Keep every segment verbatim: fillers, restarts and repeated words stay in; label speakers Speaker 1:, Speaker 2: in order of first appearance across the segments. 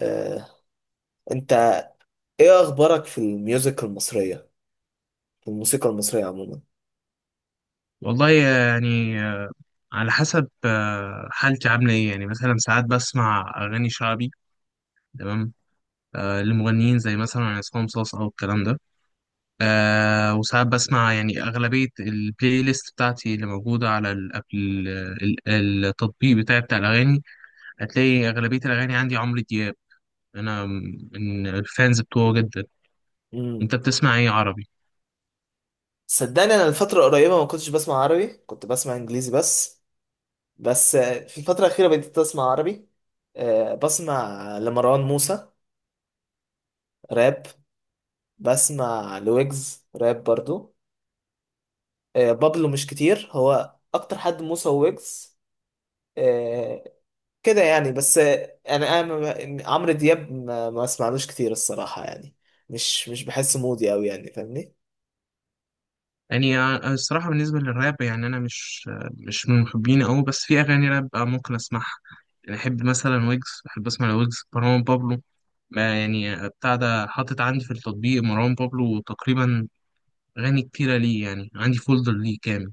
Speaker 1: آه، انت ايه اخبارك في الميوزك المصريه في الموسيقى المصريه عموما.
Speaker 2: والله يعني على حسب آه، حالتي عاملة ايه، يعني مثلا ساعات بسمع أغاني شعبي. تمام. آه، لمغنيين زي مثلا عصام صاصا أو الكلام ده. آه، وساعات بسمع يعني أغلبية البلاي ليست بتاعتي اللي موجودة على ال ال ال التطبيق بتاعي بتاع الأغاني. هتلاقي أغلبية الأغاني عندي عمرو دياب. أنا من الفانز بتوعه جدا.
Speaker 1: امم
Speaker 2: أنت بتسمع ايه عربي؟
Speaker 1: صدقني انا الفتره القريبه ما كنتش بسمع عربي، كنت بسمع انجليزي بس. بس آه، في الفتره الاخيره بديت اسمع عربي. آه، بسمع لمروان موسى، راب. بسمع لويجز راب برضو. آه، بابلو مش كتير، هو اكتر حد موسى وويجز. آه، كده يعني بس يعني انا ما- عمرو دياب ما, ما اسمعلوش كتير الصراحه يعني. مش مش بحس مودي قوي يعني فاهمني؟
Speaker 2: يعني أنا الصراحة بالنسبة للراب، يعني أنا مش آه، مش من محبينه أوي، بس في أغاني راب آه، ممكن أسمعها. يعني أحب مثلا ويجز، بحب أسمع لويجز، مروان بابلو. ما يعني آه، بتاع ده حاطط عندي في التطبيق مروان بابلو تقريبا، أغاني كتيرة ليه، يعني عندي فولدر ليه كامل.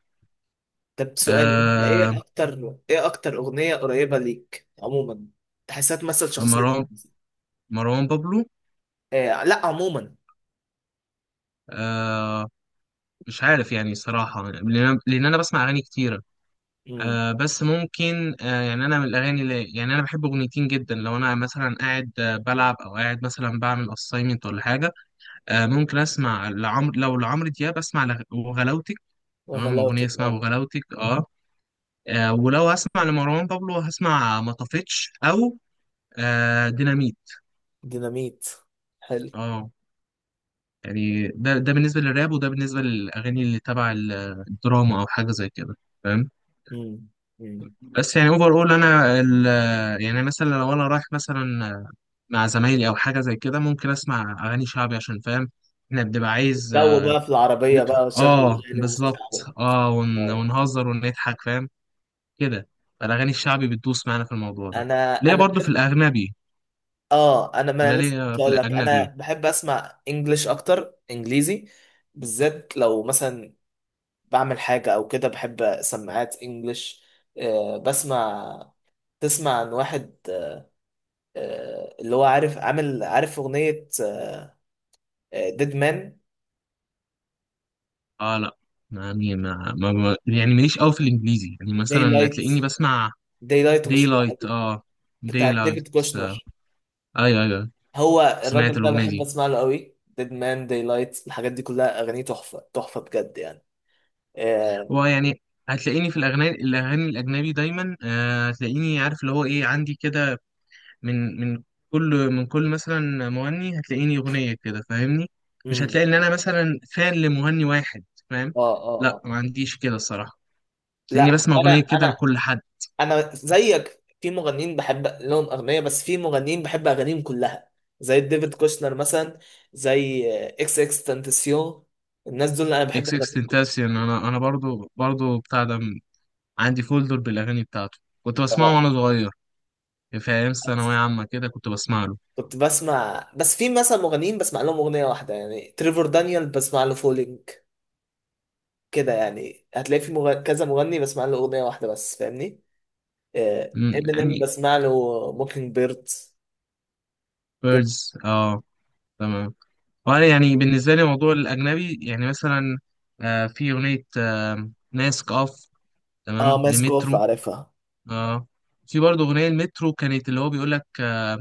Speaker 1: طب سؤال، انت
Speaker 2: آه
Speaker 1: ايه اكتر ايه اكتر اغنيه قريبه ليك عموما، تحسها تمثل شخصيتك؟
Speaker 2: مروان مروان بابلو.
Speaker 1: إيه لا عموما.
Speaker 2: آه مش عارف يعني، صراحة، لأن أنا لأن أنا بسمع أغاني كتيرة.
Speaker 1: امم
Speaker 2: آه بس ممكن، آه يعني انا من الاغاني اللي، يعني انا بحب اغنيتين جدا لو انا مثلا قاعد آه بلعب او قاعد مثلا بعمل اساينمنت ولا حاجه. آه ممكن اسمع لعمرو، لو لعمرو دياب اسمع لغ- وغلاوتك. تمام، اغنيه
Speaker 1: وغلاوتك
Speaker 2: اسمها
Speaker 1: اه.
Speaker 2: وغلاوتك. اه, آه ولو اسمع لمروان بابلو هسمع ما طفتش، او آه ديناميت.
Speaker 1: ديناميت، حلو.
Speaker 2: اه، يعني ده ده بالنسبه للراب، وده بالنسبه للاغاني اللي تبع ال- الدراما او حاجه زي كده، فاهم؟
Speaker 1: امم امم
Speaker 2: بس يعني اوفر اول انا ال- يعني مثلا لو انا رايح مثلا مع زمايلي او حاجه زي كده، ممكن اسمع اغاني شعبي عشان فاهم، احنا بنبقى عايز
Speaker 1: الجو بقى في العربيه
Speaker 2: ندخل،
Speaker 1: بقى وشغل،
Speaker 2: اه،
Speaker 1: اغاني
Speaker 2: بالظبط،
Speaker 1: ومستقبل.
Speaker 2: اه، ون...
Speaker 1: اه
Speaker 2: ونهزر ونضحك، فاهم؟ كده، فالاغاني الشعبي بتدوس معانا في الموضوع ده.
Speaker 1: انا
Speaker 2: ليه
Speaker 1: انا
Speaker 2: برضو في
Speaker 1: بحب.
Speaker 2: الاجنبي.
Speaker 1: اه انا ما
Speaker 2: انا
Speaker 1: انا لسه
Speaker 2: ليه
Speaker 1: كنت
Speaker 2: في
Speaker 1: اقول لك انا
Speaker 2: الاجنبي.
Speaker 1: بحب اسمع انجليش اكتر، انجليزي بالذات لو مثلا بعمل حاجه او كده، بحب سماعات انجليش. آه بسمع. تسمع عن واحد آه اللي هو عارف عامل عارف اغنيه ديد مان؟
Speaker 2: اه، لا، يعني ما... ما... ما... يعني ماليش قوي في الانجليزي، يعني
Speaker 1: داي
Speaker 2: مثلا
Speaker 1: لايت،
Speaker 2: هتلاقيني بسمع.
Speaker 1: داي لايت
Speaker 2: داي
Speaker 1: مشهوره
Speaker 2: لايت،
Speaker 1: قوي،
Speaker 2: اه، داي
Speaker 1: بتاعت
Speaker 2: لايت.
Speaker 1: ديفيد كوشنر.
Speaker 2: ايوه، ايوه.
Speaker 1: هو
Speaker 2: سمعت
Speaker 1: الراجل ده
Speaker 2: الاغنيه
Speaker 1: بحب
Speaker 2: دي.
Speaker 1: اسمع له قوي، ديد مان، داي لايت، الحاجات دي كلها اغانيه تحفه تحفه بجد يعني. اه.
Speaker 2: هو يعني هتلاقيني في الأغاني الأغاني الأجنبي دايما، آه، هتلاقيني عارف اللي هو إيه، عندي كده. من من كل من كل مثلا مغني هتلاقيني أغنية كده، فاهمني؟ مش
Speaker 1: امم.
Speaker 2: هتلاقي إن أنا مثلا فان لمغني واحد، فاهم؟
Speaker 1: اه اه
Speaker 2: لا،
Speaker 1: آه.
Speaker 2: ما عنديش كده الصراحة. هتلاقيني
Speaker 1: لا
Speaker 2: بسمع
Speaker 1: انا
Speaker 2: أغنية كده
Speaker 1: انا
Speaker 2: لكل حد.
Speaker 1: انا زيك، في مغنيين بحب لهم اغنيه بس في مغنيين بحب اغانيهم كلها، زي ديفيد كوشنر مثلا، زي اكس اكس تنتسيون، الناس دول انا بحب
Speaker 2: إكس إكس
Speaker 1: اغانيهم كلها.
Speaker 2: تنتاسيون، أنا أنا برضو برضو بتاع ده. عندي فولدر بالأغاني بتاعته، كنت بسمعه
Speaker 1: اه.
Speaker 2: وأنا صغير. في أيام ثانوية
Speaker 1: بس-
Speaker 2: عامة كده كنت بسمع له.
Speaker 1: كنت بسمع، بس في مثلا مغنيين بسمع لهم اغنيه واحده، يعني تريفور دانيال بسمع له فولينج، كده يعني هتلاقي في مغ... كذا مغني بسمع له اغنيه واحده بس فاهمني؟
Speaker 2: مم،
Speaker 1: امينيم
Speaker 2: يعني.
Speaker 1: بسمع له موكينج بيرد كده.
Speaker 2: بيردز، آه. تمام. وانا يعني بالنسبه لي موضوع الاجنبي، يعني مثلا آه في اغنيه آه ناسك اوف،
Speaker 1: اه،
Speaker 2: تمام،
Speaker 1: ماسكوف
Speaker 2: لمترو.
Speaker 1: عارفها.
Speaker 2: اه، في برضه اغنيه المترو كانت، اللي هو بيقول لك، آه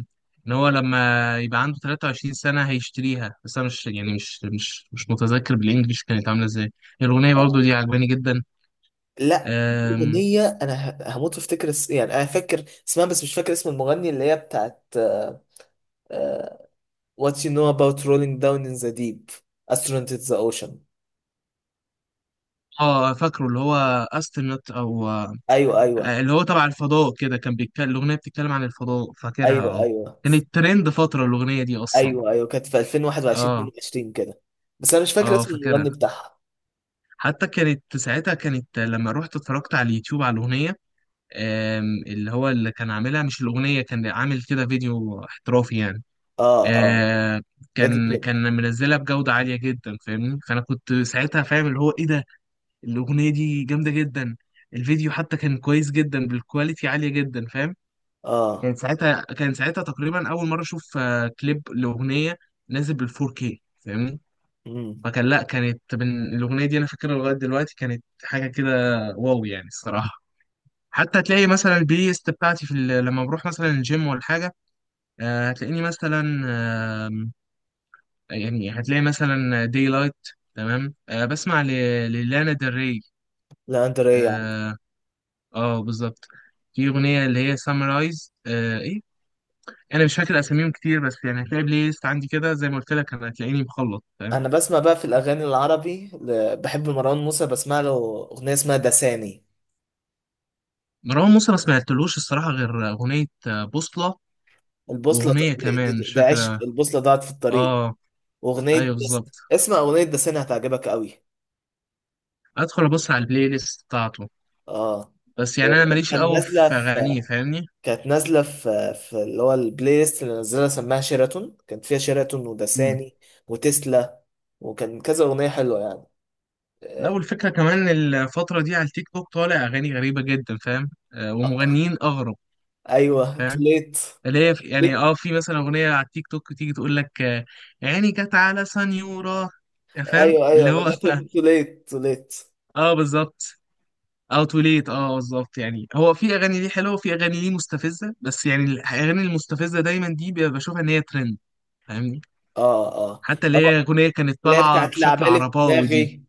Speaker 2: ان هو لما يبقى عنده تلاتة وعشرين سنة سنه هيشتريها، بس انا مش، يعني مش مش مش متذكر بالانجلش كانت عامله ازاي. الاغنيه برضه
Speaker 1: آه.
Speaker 2: دي عجباني جدا.
Speaker 1: لا في
Speaker 2: آم،
Speaker 1: اغنيه انا ه- هموت وافتكر اس- يعني انا فاكر اسمها بس مش فاكر اسم المغني، اللي هي بتاعت آه، آه، What you know about rolling down in the deep, astronaut in the ocean.
Speaker 2: اه، فاكره اللي هو استرنت، او آه
Speaker 1: ايوه ايوه.
Speaker 2: اللي هو تبع الفضاء كده، كان بيتكلم، الاغنيه بتتكلم عن الفضاء، فاكرها
Speaker 1: ايوه
Speaker 2: اه.
Speaker 1: ايوه.
Speaker 2: كانت ترند فتره الاغنيه دي اصلا.
Speaker 1: ايوه ايوه، كانت في الفين وواحد وعشرين
Speaker 2: اه،
Speaker 1: اتنين وعشرين كده، بس انا مش فاكر
Speaker 2: اه،
Speaker 1: اسم المغني
Speaker 2: فاكرها.
Speaker 1: بتاعها.
Speaker 2: حتى كانت ساعتها كانت لما رحت اتفرجت على اليوتيوب على الأغنية. آم، اللي هو اللي كان عاملها، مش الأغنية، كان عامل كده فيديو احترافي يعني.
Speaker 1: اه اه.
Speaker 2: آه،
Speaker 1: لادي
Speaker 2: كان
Speaker 1: كليب.
Speaker 2: كان منزلها بجودة عالية جدا، فاهمني؟ فأنا كنت ساعتها فاهم اللي هو إيه ده. الأغنية دي جامدة جدا. الفيديو حتى كان كويس جدا بالكواليتي عالية جدا، فاهم؟
Speaker 1: اه.
Speaker 2: كانت ساعتها كان ساعتها تقريبا أول مرة أشوف آه، كليب لأغنية نازل بال فور كيه، فاهمني؟
Speaker 1: امم.
Speaker 2: فكان لا، كانت من الأغنية دي أنا فاكرها لغاية دلوقتي، كانت حاجة كده. واو، يعني الصراحة. حتى تلاقي مثلا البلاي ليست بتاعتي في ال- لما بروح مثلا الجيم ولا حاجة، آه، هتلاقيني مثلا، آم، يعني هتلاقي مثلا داي لايت، تمام، آه، بسمع ل- للانا ديل ري.
Speaker 1: لا انت رايق يا عم.
Speaker 2: اه، آه، بالظبط. في أغنية اللي هي سامرايز، آه، إيه. أنا مش فاكر أساميهم كتير، بس يعني هتلاقي بلاي ليست عندي كده زي ما قلت لك، أنا هتلاقيني مخلط، فاهم؟
Speaker 1: انا بسمع بقى في الاغاني العربي ل- بحب مروان موسى، بسمع له اغنيه اسمها دساني.
Speaker 2: مروان موسى ما سمعتلوش الصراحة غير أغنية آه، بوصلة،
Speaker 1: البوصلة ده,
Speaker 2: وأغنية كمان
Speaker 1: ده,
Speaker 2: مش
Speaker 1: ده عشق،
Speaker 2: فاكرة.
Speaker 1: البوصلة ضاعت في الطريق.
Speaker 2: اه،
Speaker 1: اغنيه
Speaker 2: أيوه
Speaker 1: دس...
Speaker 2: بالظبط.
Speaker 1: اسمع اغنيه دسين هتعجبك قوي.
Speaker 2: أدخل أبص على البلاي ليست بتاعته،
Speaker 1: اه
Speaker 2: بس يعني أنا ماليش
Speaker 1: كان
Speaker 2: قوي
Speaker 1: نازله
Speaker 2: في
Speaker 1: في.
Speaker 2: أغانيه، فاهمني؟
Speaker 1: كانت نازله في في اللي هو البلاي ليست اللي نزلها سماها شيراتون، كانت فيها شيراتون
Speaker 2: مم.
Speaker 1: ودساني وتسلا، وكان كذا اغنيه حلوه يعني.
Speaker 2: لا،
Speaker 1: آه،
Speaker 2: والفكرة كمان الفترة دي على التيك توك طالع أغاني غريبة جدا، فاهم؟ آه
Speaker 1: آه،
Speaker 2: ومغنيين أغرب،
Speaker 1: ايوه تو
Speaker 2: فاهم؟
Speaker 1: ليت.
Speaker 2: اللي هي في- يعني
Speaker 1: ليك.
Speaker 2: اه، في مثلا أغنية على التيك توك تيجي تقول لك، آه، عيني جت على سنيورة، فاهم؟
Speaker 1: ايوه ايوه،
Speaker 2: اللي هو
Speaker 1: تو ليت تو ليت.
Speaker 2: اه بالظبط. او توليت، اه بالظبط. يعني هو في اغاني ليه حلوه وفي اغاني ليه مستفزه، بس يعني الاغاني المستفزه دايما دي بشوفها ان هي ترند، فاهمني؟
Speaker 1: اه اه.
Speaker 2: حتى اللي هي
Speaker 1: هو-
Speaker 2: أغنية كانت
Speaker 1: اللي هي
Speaker 2: طالعة
Speaker 1: بتاعت
Speaker 2: بشكل
Speaker 1: لعبالي في
Speaker 2: عرباوي دي.
Speaker 1: دماغي.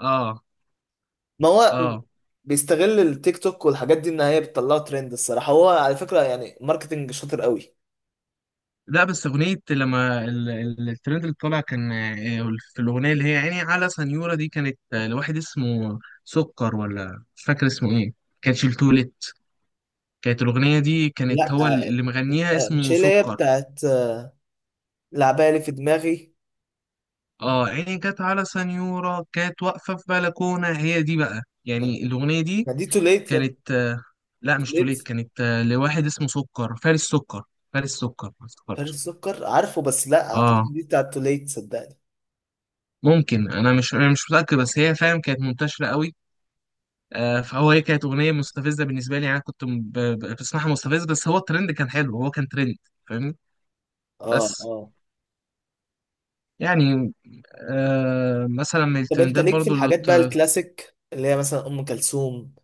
Speaker 2: اه،
Speaker 1: ما هو م-
Speaker 2: اه.
Speaker 1: بيستغل التيك توك والحاجات دي، ان هي بتطلعه ترند، الصراحه هو على فكره يعني ماركتنج شاطر قوي.
Speaker 2: لا بس أغنية لما ال- ال- الترند اللي طالع كان، آه، في الأغنية اللي هي عيني على سنيورة دي، كانت آه، لواحد اسمه سكر، ولا مش فاكر اسمه ايه. كانت التوليت، كانت الأغنية دي، كانت
Speaker 1: لا
Speaker 2: هو
Speaker 1: آه،
Speaker 2: اللي مغنيها
Speaker 1: آه، مش
Speaker 2: اسمه
Speaker 1: هي، اللي هي
Speaker 2: سكر.
Speaker 1: بتاعت آه، لعبالي في دماغي.
Speaker 2: اه، عيني كانت على سنيورة، كانت واقفة في بلكونة، هي دي بقى
Speaker 1: ما
Speaker 2: يعني الأغنية دي،
Speaker 1: ما دي توليت يا ابني.
Speaker 2: كانت آه، لا مش توليت،
Speaker 1: توليت،
Speaker 2: كانت آه، لواحد اسمه سكر، فارس سكر. فارس سكر، ما
Speaker 1: فارس
Speaker 2: افتكرتش.
Speaker 1: سكر عارفه بس لا
Speaker 2: اه،
Speaker 1: اعتقد دي بتاعت توليت صدقني.
Speaker 2: ممكن، انا مش انا مش متاكد، بس هي، فاهم، كانت منتشره قوي. آه فهو هي كانت اغنيه مستفزه بالنسبه لي، يعني انا كنت ب- ب- بسمعها مستفز، بس هو الترند كان حلو، هو كان ترند، فاهمني؟
Speaker 1: اه
Speaker 2: بس
Speaker 1: اه.
Speaker 2: يعني، آه مثلا من
Speaker 1: طب انت
Speaker 2: الترندات
Speaker 1: ليك في
Speaker 2: برضو.
Speaker 1: الحاجات بقى الكلاسيك، اللي هي مثلا ام كلثوم؟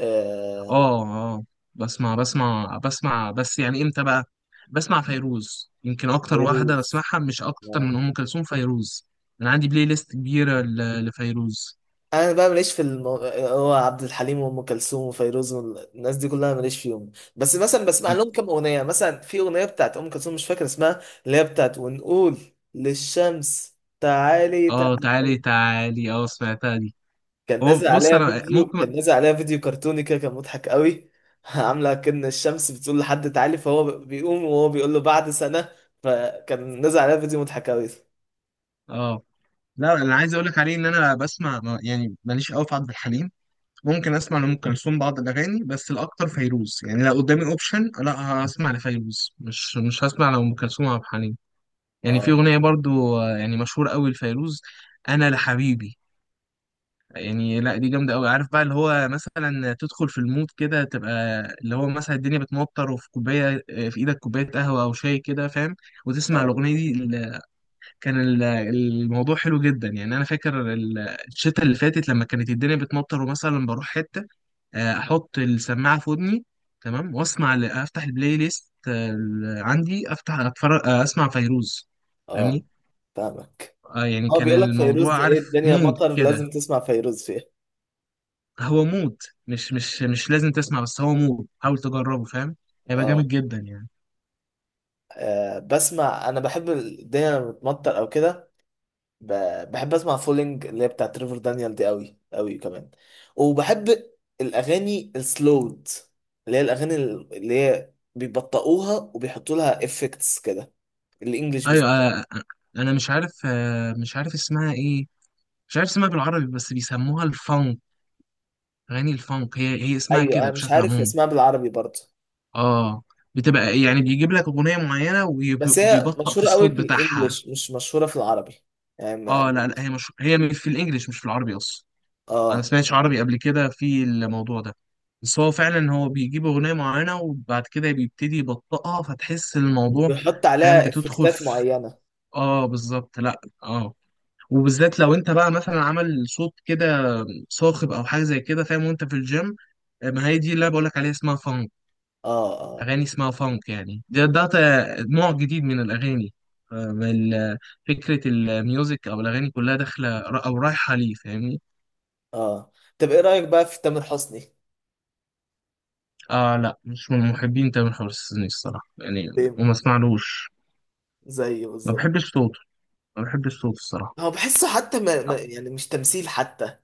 Speaker 1: آه.
Speaker 2: اه، اه، بسمع بسمع بسمع، بس يعني امتى بقى. بسمع فيروز، يمكن اكتر واحده
Speaker 1: فيروز.
Speaker 2: بسمعها، مش اكتر
Speaker 1: آه،
Speaker 2: من ام كلثوم، فيروز. انا عندي بلاي ليست كبيره ل- لفيروز.
Speaker 1: انا بقى ماليش في المو... هو عبد الحليم وام كلثوم وفيروز والناس دي كلها ماليش فيهم، بس مثلا بسمع لهم كام اغنيه، مثلا في اغنيه بتاعت ام كلثوم مش فاكر اسمها اللي هي بتاعت ونقول للشمس تعالي
Speaker 2: اه،
Speaker 1: تعالي.
Speaker 2: تعالي تعالي، اه، سمعتها دي.
Speaker 1: كان
Speaker 2: هو
Speaker 1: نازل
Speaker 2: بص،
Speaker 1: عليها
Speaker 2: انا
Speaker 1: فيديو،
Speaker 2: ممكن.
Speaker 1: كان نازل عليها فيديو كرتوني كده كان مضحك قوي عامله كأن الشمس بتقول لحد تعالي، فهو بيقوم وهو بيقول له بعد سنه، فكان نازل عليها فيديو مضحك قوي.
Speaker 2: اه، لا، انا عايز اقول لك عليه ان انا بسمع ما- يعني ماليش قوي في عبد الحليم. ممكن اسمع لام كلثوم بعض الاغاني، بس الاكتر فيروز، يعني لو قدامي اوبشن، لا، هسمع لفيروز، مش مش هسمع لام كلثوم وعبد الحليم. يعني في
Speaker 1: اه
Speaker 2: اغنيه برضو، آه، يعني مشهوره قوي لفيروز، انا لحبيبي. يعني لا، دي جامده قوي. عارف بقى اللي هو مثلا تدخل في المود كده، تبقى اللي هو مثلا الدنيا بتمطر وفي كوبايه، آه، في ايدك كوبايه قهوه او شاي كده، فاهم؟ وتسمع
Speaker 1: اه
Speaker 2: الاغنيه دي ال- كان ال- الموضوع حلو جدا، يعني انا فاكر ال- الشتا اللي فاتت لما كانت الدنيا بتمطر ومثلا بروح حته، آه، احط السماعه في ودني، تمام، واسمع ال- افتح البلاي ليست، آه، ال- عندي، افتح، اتفرج، آه، اسمع فيروز،
Speaker 1: اه.
Speaker 2: فاهمني؟
Speaker 1: فاهمك.
Speaker 2: اه، يعني
Speaker 1: هو
Speaker 2: كان
Speaker 1: بيقول لك فيروز
Speaker 2: الموضوع،
Speaker 1: ده ايه،
Speaker 2: عارف،
Speaker 1: الدنيا
Speaker 2: مود
Speaker 1: مطر
Speaker 2: كده.
Speaker 1: لازم تسمع فيروز فيها.
Speaker 2: هو مود، مش مش مش لازم تسمع، بس هو مود، حاول تجربه، فاهم؟ هيبقى
Speaker 1: اه.
Speaker 2: جامد جدا يعني.
Speaker 1: آه، بسمع، انا بحب الدنيا لما بتمطر او كده ب- بحب اسمع فولينج اللي هي بتاعت ريفر دانيال دي، قوي قوي كمان. وبحب الاغاني السلود، اللي هي الاغاني اللي هي بيبطئوها وبيحطوا لها افكتس كده، الانجليش
Speaker 2: ايوه،
Speaker 1: بالذات.
Speaker 2: آه، آه، انا مش عارف آه، مش عارف اسمها ايه. مش عارف اسمها بالعربي، بس بيسموها الفانك، اغاني الفانك، هي هي اسمها
Speaker 1: ايوه
Speaker 2: كده
Speaker 1: انا مش
Speaker 2: بشكل
Speaker 1: عارف
Speaker 2: عمومي.
Speaker 1: اسمها بالعربي برضه.
Speaker 2: اه، بتبقى يعني بيجيب لك اغنيه معينه
Speaker 1: بس هي
Speaker 2: وبيبطأ في
Speaker 1: مشهوره قوي
Speaker 2: الصوت
Speaker 1: في
Speaker 2: بتاعها.
Speaker 1: الانجليش، مش مشهوره في العربي، يعني
Speaker 2: اه،
Speaker 1: ما-
Speaker 2: لا لا، هي مش، هي في الانجليش، مش في العربي اصلا. انا
Speaker 1: اه
Speaker 2: سمعتش عربي قبل كده في الموضوع ده، بس هو فعلا هو بيجيب اغنيه معينه وبعد كده بيبتدي يبطئها، فتحس الموضوع،
Speaker 1: بيحط
Speaker 2: فاهم؟
Speaker 1: عليها
Speaker 2: بتدخل
Speaker 1: افكتات
Speaker 2: في،
Speaker 1: معينه.
Speaker 2: اه بالظبط، لا اه، وبالذات لو انت بقى مثلا عمل صوت كده صاخب او حاجه زي كده، فاهم، وانت في الجيم. ما هي دي اللي أنا بقولك عليها، اسمها فانك،
Speaker 1: اه اه
Speaker 2: اغاني اسمها فانك. يعني ده ده ت- نوع جديد من الاغاني، آه، من ال- فكره الميوزك، او الاغاني كلها داخله را- او رايحه ليه، فاهمني؟
Speaker 1: اه. طب ايه رأيك بقى في تامر حسني؟
Speaker 2: آه لا، مش من محبين تامر حسني الصراحة يعني،
Speaker 1: سيم،
Speaker 2: وما اسمعلوش.
Speaker 1: زي
Speaker 2: ما
Speaker 1: بالظبط.
Speaker 2: بحبش صوته، ما بحبش صوته الصراحة.
Speaker 1: هو بحسه حتى ما ما- يعني مش تمثيل حتى.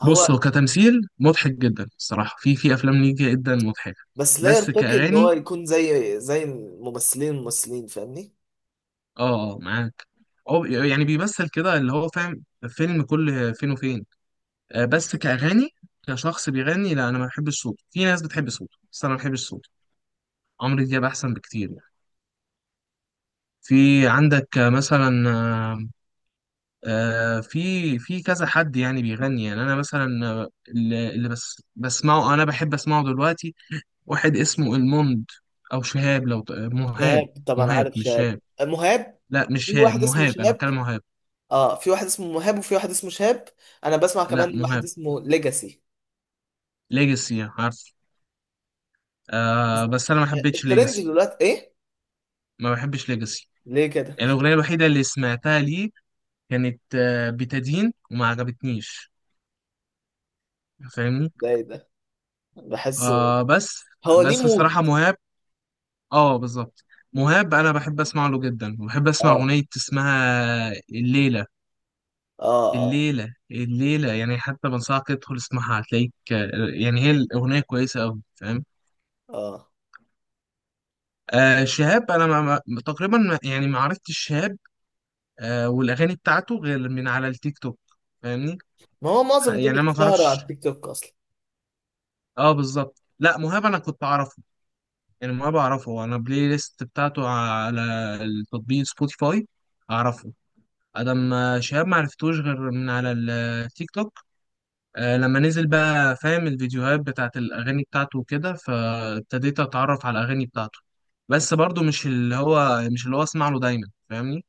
Speaker 1: هو
Speaker 2: بص هو كتمثيل مضحك جدا الصراحة، في في أفلام ليه جدا مضحكة،
Speaker 1: بس لا
Speaker 2: بس
Speaker 1: يرتقي ان هو
Speaker 2: كأغاني،
Speaker 1: يكون زي زي الممثلين الممثلين فاهمني؟
Speaker 2: آه آه، معاك. أو يعني بيمثل كده، اللي هو فاهم فيلم كل فين وفين، آه بس كأغاني، كشخص بيغني، لا أنا ما بحبش صوته، في ناس بتحب صوته، بس أنا ما بحبش صوته. عمرو دياب أحسن بكتير يعني. في عندك آه، مثلا، آه، آه، في في كذا حد يعني بيغني، يعني انا مثلا آه، اللي اللي بس بسمعه انا بحب اسمعه دلوقتي، واحد اسمه الموند، او شهاب، لو ت- مهاب.
Speaker 1: شهاب طبعا
Speaker 2: مهاب،
Speaker 1: عارف،
Speaker 2: مش
Speaker 1: شهاب
Speaker 2: شهاب.
Speaker 1: مهاب.
Speaker 2: لا مش
Speaker 1: في
Speaker 2: شهاب،
Speaker 1: واحد اسمه
Speaker 2: مهاب، انا
Speaker 1: شهاب.
Speaker 2: بتكلم مهاب.
Speaker 1: اه في واحد اسمه مهاب وفي واحد اسمه شهاب. انا بسمع
Speaker 2: لا
Speaker 1: كمان واحد
Speaker 2: مهاب.
Speaker 1: اسمه ليجاسي.
Speaker 2: ليجاسي عارف، آه بس انا ما
Speaker 1: آه،
Speaker 2: حبيتش
Speaker 1: الترند
Speaker 2: ليجاسي،
Speaker 1: دلوقتي ايه؟
Speaker 2: ما بحبش ليجاسي.
Speaker 1: ليه كده؟
Speaker 2: يعني الاغنيه الوحيده اللي سمعتها ليه كانت آه بتدين، وما عجبتنيش، فاهمني؟
Speaker 1: ده ايه ده، بحسه.
Speaker 2: آه بس،
Speaker 1: هو ليه
Speaker 2: بس
Speaker 1: مود.
Speaker 2: الصراحه مهاب، اه بالظبط. مهاب انا بحب اسمع له جدا، وبحب اسمع
Speaker 1: اه
Speaker 2: اغنيه اسمها الليله.
Speaker 1: اه اه
Speaker 2: الليله الليله يعني، حتى بنصحك تدخل اسمعها، هتلاقيك، آه، يعني هي الاغنيه كويسه قوي، فاهم؟
Speaker 1: اه.
Speaker 2: آه شهاب انا ما ما- تقريبا ما- يعني ما عرفتش شهاب آه والاغاني بتاعته غير من على التيك توك، فاهمني؟
Speaker 1: ما هو معظم
Speaker 2: يعني
Speaker 1: دول
Speaker 2: انا ما
Speaker 1: اتشهروا على
Speaker 2: اعرفش.
Speaker 1: التيك توك اصلا.
Speaker 2: اه بالظبط، لا، مهاب انا كنت اعرفه، يعني مهاب اعرفه، انا بلاي ليست بتاعته على التطبيق سبوتيفاي، اعرفه. أنا ما، شهاب معرفتوش غير من على التيك توك، آه، لما نزل بقى فاهم الفيديوهات بتاعت الأغاني بتاعته وكده، فابتديت أتعرف على الأغاني بتاعته، بس برضو مش اللي هو مش اللي هو أسمع له دايما، فاهمني؟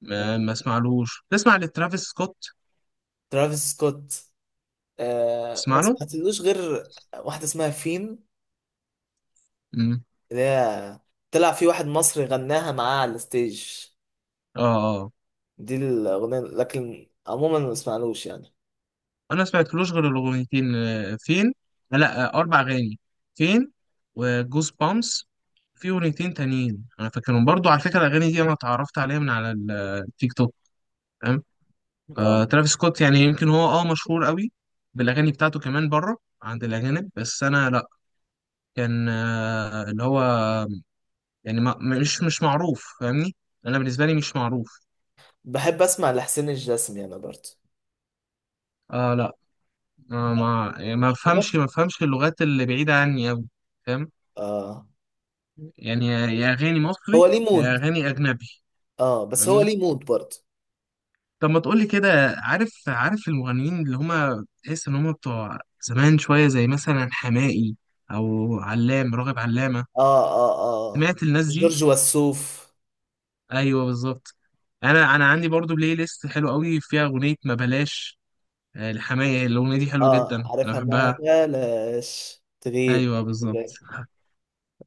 Speaker 2: ما,
Speaker 1: ماشي.
Speaker 2: ما أسمعلوش. تسمع لترافيس سكوت؟
Speaker 1: ترافيس سكوت، آه ما
Speaker 2: تسمع له؟
Speaker 1: سمعتلوش غير واحده اسمها فين،
Speaker 2: مم.
Speaker 1: اللي هي طلع في واحد مصري غناها معاه على الستيج.
Speaker 2: آه. آه.
Speaker 1: دي الاغنيه، لكن عموما ما سمعلوش يعني.
Speaker 2: أنا ما سمعتلوش غير الأغنيتين، آه، فين؟ آه، لا آه، أربع أغاني، فين، وجوز بامس، في أغنيتين تانيين أنا فاكرهم. برضو على فكرة الأغاني دي أنا اتعرفت عليها من على التيك توك. آه،
Speaker 1: اه.
Speaker 2: ترافيس سكوت يعني، يمكن هو اه مشهور قوي بالاغاني بتاعته كمان بره عند الاجانب، بس انا لا، كان آه اللي هو يعني ما مش مش معروف، فاهمني؟ انا بالنسبه لي مش معروف.
Speaker 1: بحب اسمع لحسين الجسمي انا برضه.
Speaker 2: آه لا، آه
Speaker 1: لا،
Speaker 2: ما يعني ما
Speaker 1: مش كده.
Speaker 2: بفهمش ما بفهمش اللغات اللي بعيده عني قوي، فاهم؟
Speaker 1: اه.
Speaker 2: يعني يا يا اغاني مصري،
Speaker 1: هو ليه
Speaker 2: يا
Speaker 1: مود.
Speaker 2: اغاني اجنبي،
Speaker 1: اه بس هو
Speaker 2: فاهمني؟
Speaker 1: ليه مود برضه.
Speaker 2: طب ما تقولي كده، عارف عارف المغنيين اللي هما تحس ان هما بتوع زمان شويه، زي مثلا حماقي، او علام راغب علامه.
Speaker 1: اه اه اه.
Speaker 2: سمعت الناس دي؟
Speaker 1: جورج وسوف.
Speaker 2: ايوه بالظبط. انا انا عندي برضو بلاي ليست حلو قوي، فيها اغنيه ما بلاش، آه، لحماية، الاغنيه دي حلوه جدا،
Speaker 1: اه
Speaker 2: انا
Speaker 1: عارفها، ما
Speaker 2: بحبها.
Speaker 1: بلاش تغيب.
Speaker 2: ايوه بالظبط.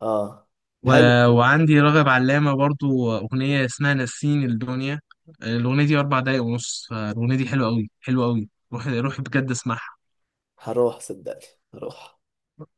Speaker 1: اه،
Speaker 2: و...
Speaker 1: حلو.
Speaker 2: وعندي رغب علامه برضو اغنيه اسمها نسيني الدنيا، آه، الاغنيه دي اربع دقايق ونص، فالاغنيه دي حلوه قوي حلوه قوي، روح روح بجد اسمعها.
Speaker 1: هروح صدقني، هروح.